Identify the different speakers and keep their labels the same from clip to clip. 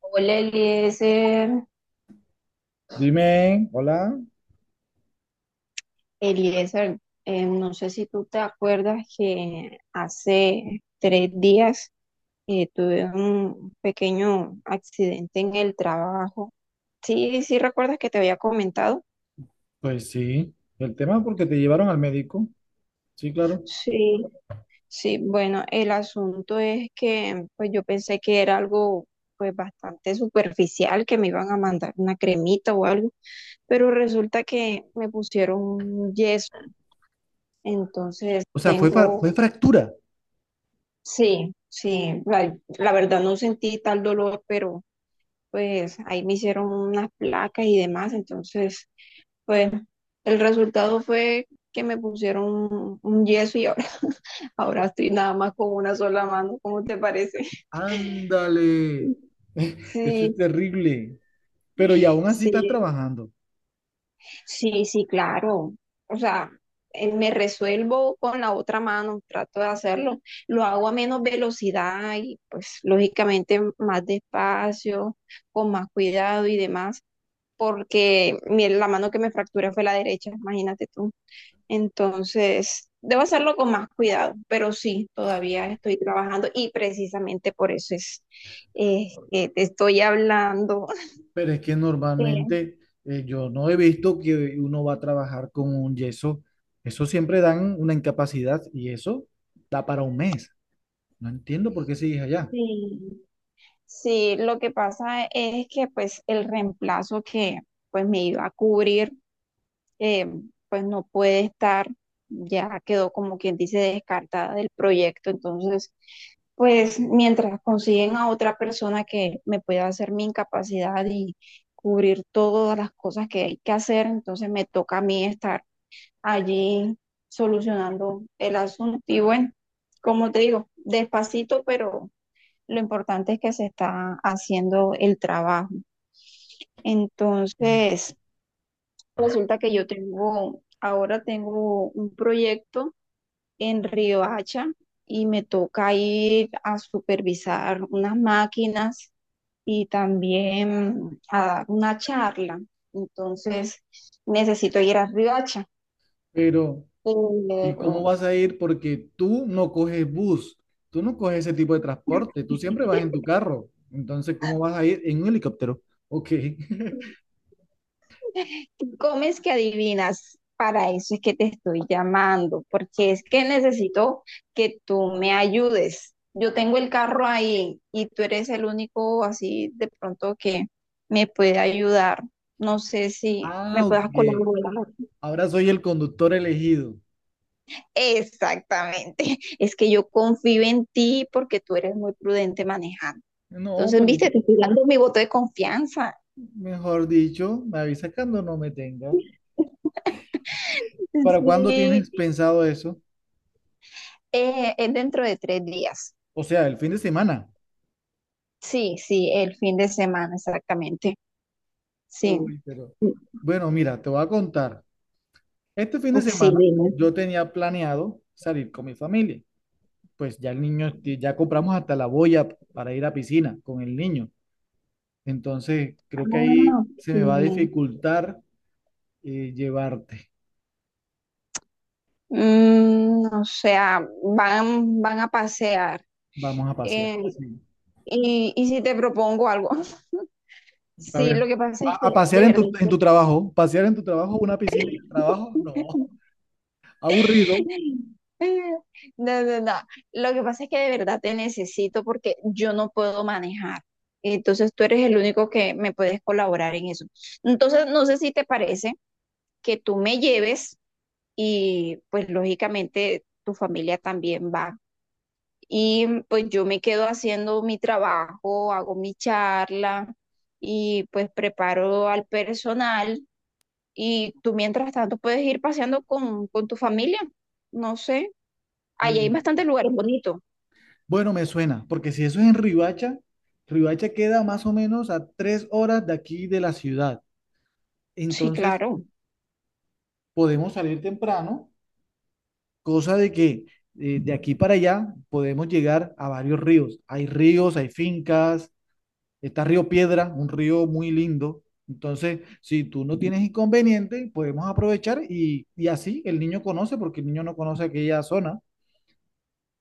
Speaker 1: Hola Eliezer,
Speaker 2: Dime, hola.
Speaker 1: Eliezer, no sé si tú te acuerdas que hace 3 días tuve un pequeño accidente en el trabajo. Sí, sí, recuerdas que te había comentado.
Speaker 2: Pues sí, el tema porque te llevaron al médico. Sí, claro.
Speaker 1: Sí, sí, bueno, el asunto es que pues yo pensé que era algo pues bastante superficial, que me iban a mandar una cremita o algo, pero resulta que me pusieron un yeso, entonces
Speaker 2: O sea,
Speaker 1: tengo.
Speaker 2: fue fractura.
Speaker 1: Sí, sí, la verdad no sentí tal dolor, pero pues ahí me hicieron unas placas y demás, entonces pues el resultado fue que me pusieron un yeso y ahora, ahora estoy nada más con una sola mano, ¿cómo te parece?
Speaker 2: Ándale. Eso es
Speaker 1: Sí,
Speaker 2: terrible. Pero y aún así estás
Speaker 1: sí.
Speaker 2: trabajando.
Speaker 1: Sí, sí, claro. O sea, me resuelvo con la otra mano, trato de hacerlo. Lo hago a menos velocidad y pues lógicamente más despacio, con más cuidado y demás, porque la mano que me fracturé fue la derecha, imagínate tú. Entonces, debo hacerlo con más cuidado, pero sí, todavía estoy trabajando y precisamente por eso es que te estoy hablando.
Speaker 2: Pero es que
Speaker 1: Eh,
Speaker 2: normalmente yo no he visto que uno va a trabajar con un yeso. Eso siempre dan una incapacidad y eso da para un mes. No entiendo por qué sigues allá.
Speaker 1: Sí. Sí, lo que pasa es que pues el reemplazo que pues me iba a cubrir, eh, pues no puede estar, ya quedó como quien dice descartada del proyecto, entonces pues mientras consiguen a otra persona que me pueda hacer mi incapacidad y cubrir todas las cosas que hay que hacer, entonces me toca a mí estar allí solucionando el asunto y bueno, como te digo, despacito pero lo importante es que se está haciendo el trabajo. Entonces, resulta que yo tengo, ahora tengo un proyecto en Riohacha y me toca ir a supervisar unas máquinas y también a dar una charla. Entonces, necesito ir a Riohacha.
Speaker 2: Pero ¿y
Speaker 1: Pero
Speaker 2: cómo vas a ir? Porque tú no coges bus, tú no coges ese tipo de transporte, tú siempre vas en tu carro. Entonces, ¿cómo vas a ir en un helicóptero? Ok.
Speaker 1: comes que adivinas, para eso es que te estoy llamando, porque es que necesito que tú me ayudes. Yo tengo el carro ahí y tú eres el único así de pronto que me puede ayudar. No sé si me
Speaker 2: Ah,
Speaker 1: puedas
Speaker 2: ok.
Speaker 1: colaborar.
Speaker 2: Ahora soy el conductor elegido.
Speaker 1: Exactamente. Es que yo confío en ti porque tú eres muy prudente manejando.
Speaker 2: No,
Speaker 1: Entonces,
Speaker 2: pero
Speaker 1: viste, te estoy dando mi voto de confianza.
Speaker 2: mejor dicho, me avisas cuando no me tenga. ¿Para cuándo tienes
Speaker 1: Sí,
Speaker 2: pensado eso?
Speaker 1: es dentro de 3 días.
Speaker 2: O sea, el fin de semana.
Speaker 1: Sí, sí, el fin de semana, exactamente. Sí.
Speaker 2: Uy, pero.
Speaker 1: Mm.
Speaker 2: Bueno, mira, te voy a contar. Este fin de
Speaker 1: Sí,
Speaker 2: semana
Speaker 1: dime.
Speaker 2: yo tenía planeado salir con mi familia. Pues ya el niño, ya compramos hasta la boya para ir a piscina con el niño. Entonces, creo que ahí
Speaker 1: Ah,
Speaker 2: se
Speaker 1: ok.
Speaker 2: me va a dificultar llevarte.
Speaker 1: Mm, o sea, van a pasear.
Speaker 2: Vamos a pasear.
Speaker 1: eh,
Speaker 2: Sí.
Speaker 1: y si te propongo algo,
Speaker 2: A
Speaker 1: sí, lo
Speaker 2: ver,
Speaker 1: que pasa es que,
Speaker 2: a pasear
Speaker 1: de
Speaker 2: en
Speaker 1: verdad,
Speaker 2: en tu trabajo, pasear en tu trabajo, una piscina en el trabajo, no, aburrido.
Speaker 1: no, no, no. Lo que pasa es que de verdad te necesito porque yo no puedo manejar. Entonces tú eres el único que me puedes colaborar en eso. Entonces, no sé si te parece que tú me lleves. Y pues lógicamente tu familia también va. Y mm, pues yo me quedo haciendo mi trabajo, hago mi charla y pues preparo al personal y tú mientras tanto puedes ir paseando con tu familia, no sé. Allí hay bastantes
Speaker 2: Mm.
Speaker 1: lugares bonitos.
Speaker 2: Bueno, me suena, porque si eso es en Ribacha, Ribacha queda más o menos a 3 horas de aquí de la ciudad.
Speaker 1: Sí,
Speaker 2: Entonces,
Speaker 1: claro.
Speaker 2: podemos salir temprano, cosa de que de aquí para allá podemos llegar a varios ríos. Hay ríos, hay fincas, está Río Piedra, un río muy lindo. Entonces, si tú no tienes inconveniente, podemos aprovechar y así el niño conoce, porque el niño no conoce aquella zona.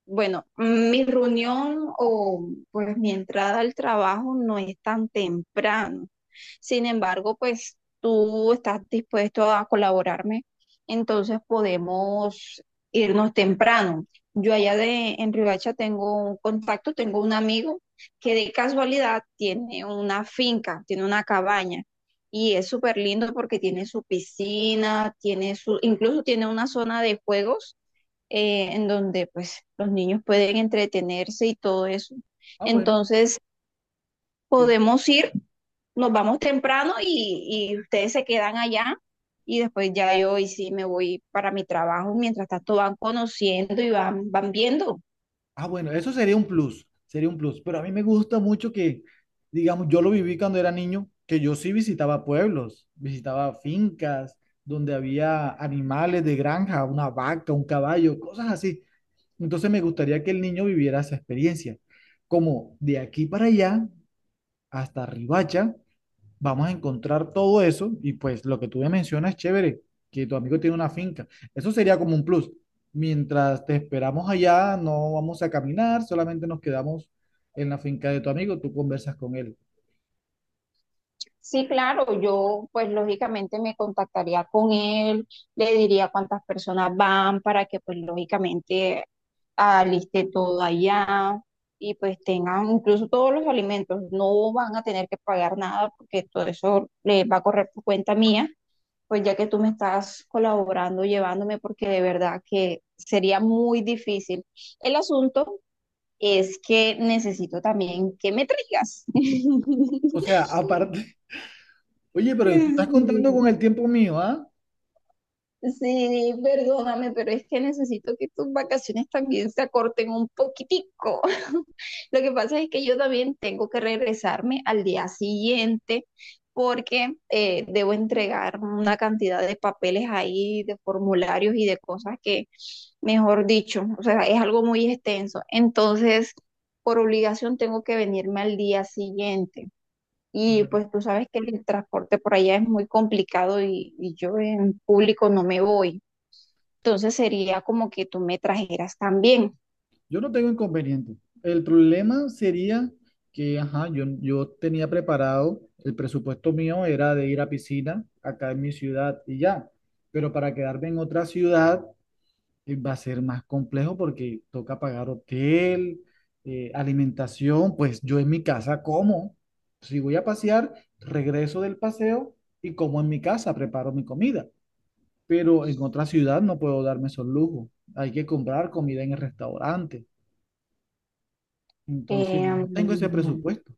Speaker 1: Bueno, mi reunión o pues mi entrada al trabajo no es tan temprano. Sin embargo, pues tú estás dispuesto a colaborarme, entonces podemos irnos temprano. Yo allá de en Riohacha tengo un contacto, tengo un amigo que de casualidad tiene una finca, tiene una cabaña y es súper lindo porque tiene su piscina, tiene su, incluso tiene una zona de juegos, en donde pues los niños pueden entretenerse y todo eso.
Speaker 2: Ah, bueno,
Speaker 1: Entonces,
Speaker 2: sí.
Speaker 1: podemos ir, nos vamos temprano y ustedes se quedan allá y después ya yo y sí me voy para mi trabajo. Mientras tanto van conociendo y van, van viendo.
Speaker 2: Ah, bueno, eso sería un plus, sería un plus. Pero a mí me gusta mucho que, digamos, yo lo viví cuando era niño, que yo sí visitaba pueblos, visitaba fincas donde había animales de granja, una vaca, un caballo, cosas así. Entonces me gustaría que el niño viviera esa experiencia. Como de aquí para allá, hasta Ribacha, vamos a encontrar todo eso y pues lo que tú me mencionas es chévere, que tu amigo tiene una finca. Eso sería como un plus. Mientras te esperamos allá, no vamos a caminar, solamente nos quedamos en la finca de tu amigo, tú conversas con él.
Speaker 1: Sí, claro, yo pues lógicamente me contactaría con él, le diría cuántas personas van para que pues lógicamente aliste todo allá y pues tengan incluso todos los alimentos, no van a tener que pagar nada porque todo eso le va a correr por cuenta mía, pues ya que tú me estás colaborando, llevándome, porque de verdad que sería muy difícil. El asunto es que necesito también que me traigas.
Speaker 2: O sea, aparte, oye, pero tú estás
Speaker 1: Sí.
Speaker 2: contando con el tiempo mío, ¿ah?
Speaker 1: Sí, perdóname, pero es que necesito que tus vacaciones también se acorten un poquitico. Lo que pasa es que yo también tengo que regresarme al día siguiente porque debo entregar una cantidad de papeles ahí, de formularios y de cosas que, mejor dicho, o sea, es algo muy extenso. Entonces, por obligación tengo que venirme al día siguiente. Y
Speaker 2: Bueno,
Speaker 1: pues tú sabes que el transporte por allá es muy complicado y yo en público no me voy. Entonces sería como que tú me trajeras también.
Speaker 2: yo no tengo inconveniente. El problema sería que, ajá, yo tenía preparado, el presupuesto mío era de ir a piscina acá en mi ciudad y ya, pero para quedarme en otra ciudad va a ser más complejo porque toca pagar hotel, alimentación, pues yo en mi casa como. Si voy a pasear, regreso del paseo y como en mi casa, preparo mi comida. Pero en otra ciudad no puedo darme esos lujos. Hay que comprar comida en el restaurante. Entonces,
Speaker 1: Em,
Speaker 2: no tengo ese presupuesto.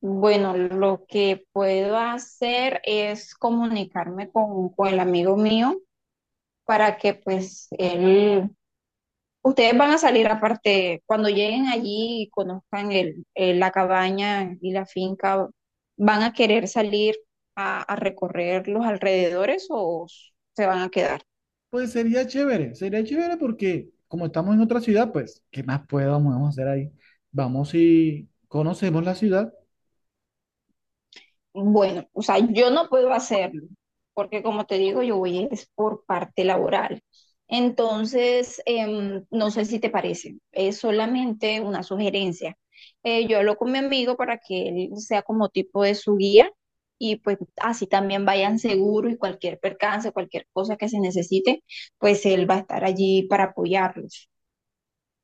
Speaker 1: bueno, lo que puedo hacer es comunicarme con el amigo mío para que pues él. Ustedes van a salir aparte, cuando lleguen allí y conozcan la cabaña y la finca, ¿van a querer salir a recorrer los alrededores o se van a quedar?
Speaker 2: Pues sería chévere porque como estamos en otra ciudad, pues, ¿qué más podemos hacer ahí? Vamos y conocemos la ciudad.
Speaker 1: Bueno, o sea, yo no puedo hacerlo, porque como te digo, yo voy es por parte laboral. Entonces, no sé si te parece, es solamente una sugerencia. Yo hablo con mi amigo para que él sea como tipo de su guía y pues así también vayan seguros y cualquier percance, cualquier cosa que se necesite, pues él va a estar allí para apoyarlos.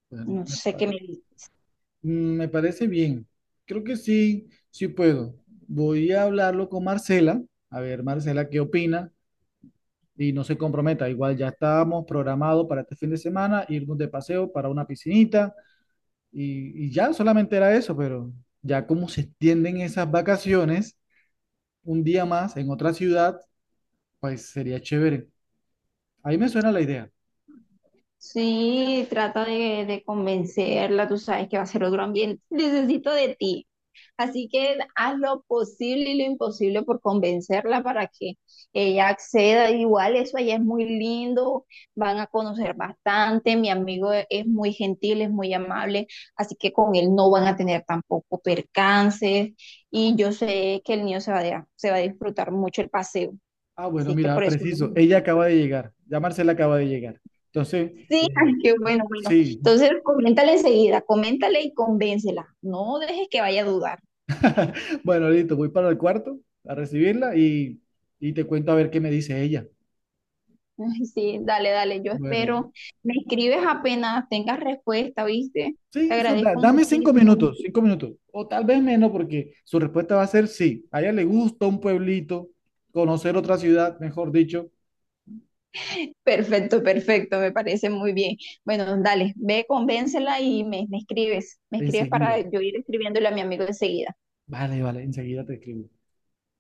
Speaker 2: Bueno,
Speaker 1: No
Speaker 2: me
Speaker 1: sé qué me
Speaker 2: parece.
Speaker 1: dice.
Speaker 2: Mm. Me parece bien. Creo que sí, sí puedo. Voy a hablarlo con Marcela. A ver, Marcela, ¿qué opina? Y no se comprometa. Igual ya estábamos programados para este fin de semana, irnos de paseo para una piscinita. Y ya solamente era eso, pero ya como se extienden esas vacaciones, un día más en otra ciudad, pues sería chévere. Ahí me suena la idea.
Speaker 1: Sí, trata de convencerla, tú sabes que va a ser otro ambiente. Necesito de ti. Así que haz lo posible y lo imposible por convencerla para que ella acceda. Igual eso allá es muy lindo, van a conocer bastante. Mi amigo es muy gentil, es muy amable, así que con él no van a tener tampoco percances. Y yo sé que el niño se va a, se va a disfrutar mucho el paseo.
Speaker 2: Ah, bueno,
Speaker 1: Así que
Speaker 2: mira,
Speaker 1: por eso.
Speaker 2: preciso. Ella acaba de llegar. Ya Marcela acaba de llegar. Entonces,
Speaker 1: Sí, ay,
Speaker 2: eh,
Speaker 1: qué bueno, bueno.
Speaker 2: sí.
Speaker 1: Entonces, coméntale enseguida, coméntale y convéncela. No dejes que vaya a dudar.
Speaker 2: Bueno, listo, voy para el cuarto a recibirla y te cuento a ver qué me dice ella.
Speaker 1: Ay, sí, dale, dale, yo
Speaker 2: Bueno,
Speaker 1: espero. Me escribes apenas tengas respuesta, ¿viste? Te
Speaker 2: sí, eso
Speaker 1: agradezco
Speaker 2: dame cinco
Speaker 1: muchísimo.
Speaker 2: minutos, cinco
Speaker 1: Muchísimo.
Speaker 2: minutos, o tal vez menos, porque su respuesta va a ser sí. A ella le gusta un pueblito, conocer otra ciudad, mejor dicho,
Speaker 1: Perfecto, perfecto, me parece muy bien. Bueno, dale, ve, convéncela y me escribes. Me escribes para
Speaker 2: enseguida.
Speaker 1: yo ir escribiéndole a mi amigo enseguida.
Speaker 2: Vale, vale, enseguida te escribo.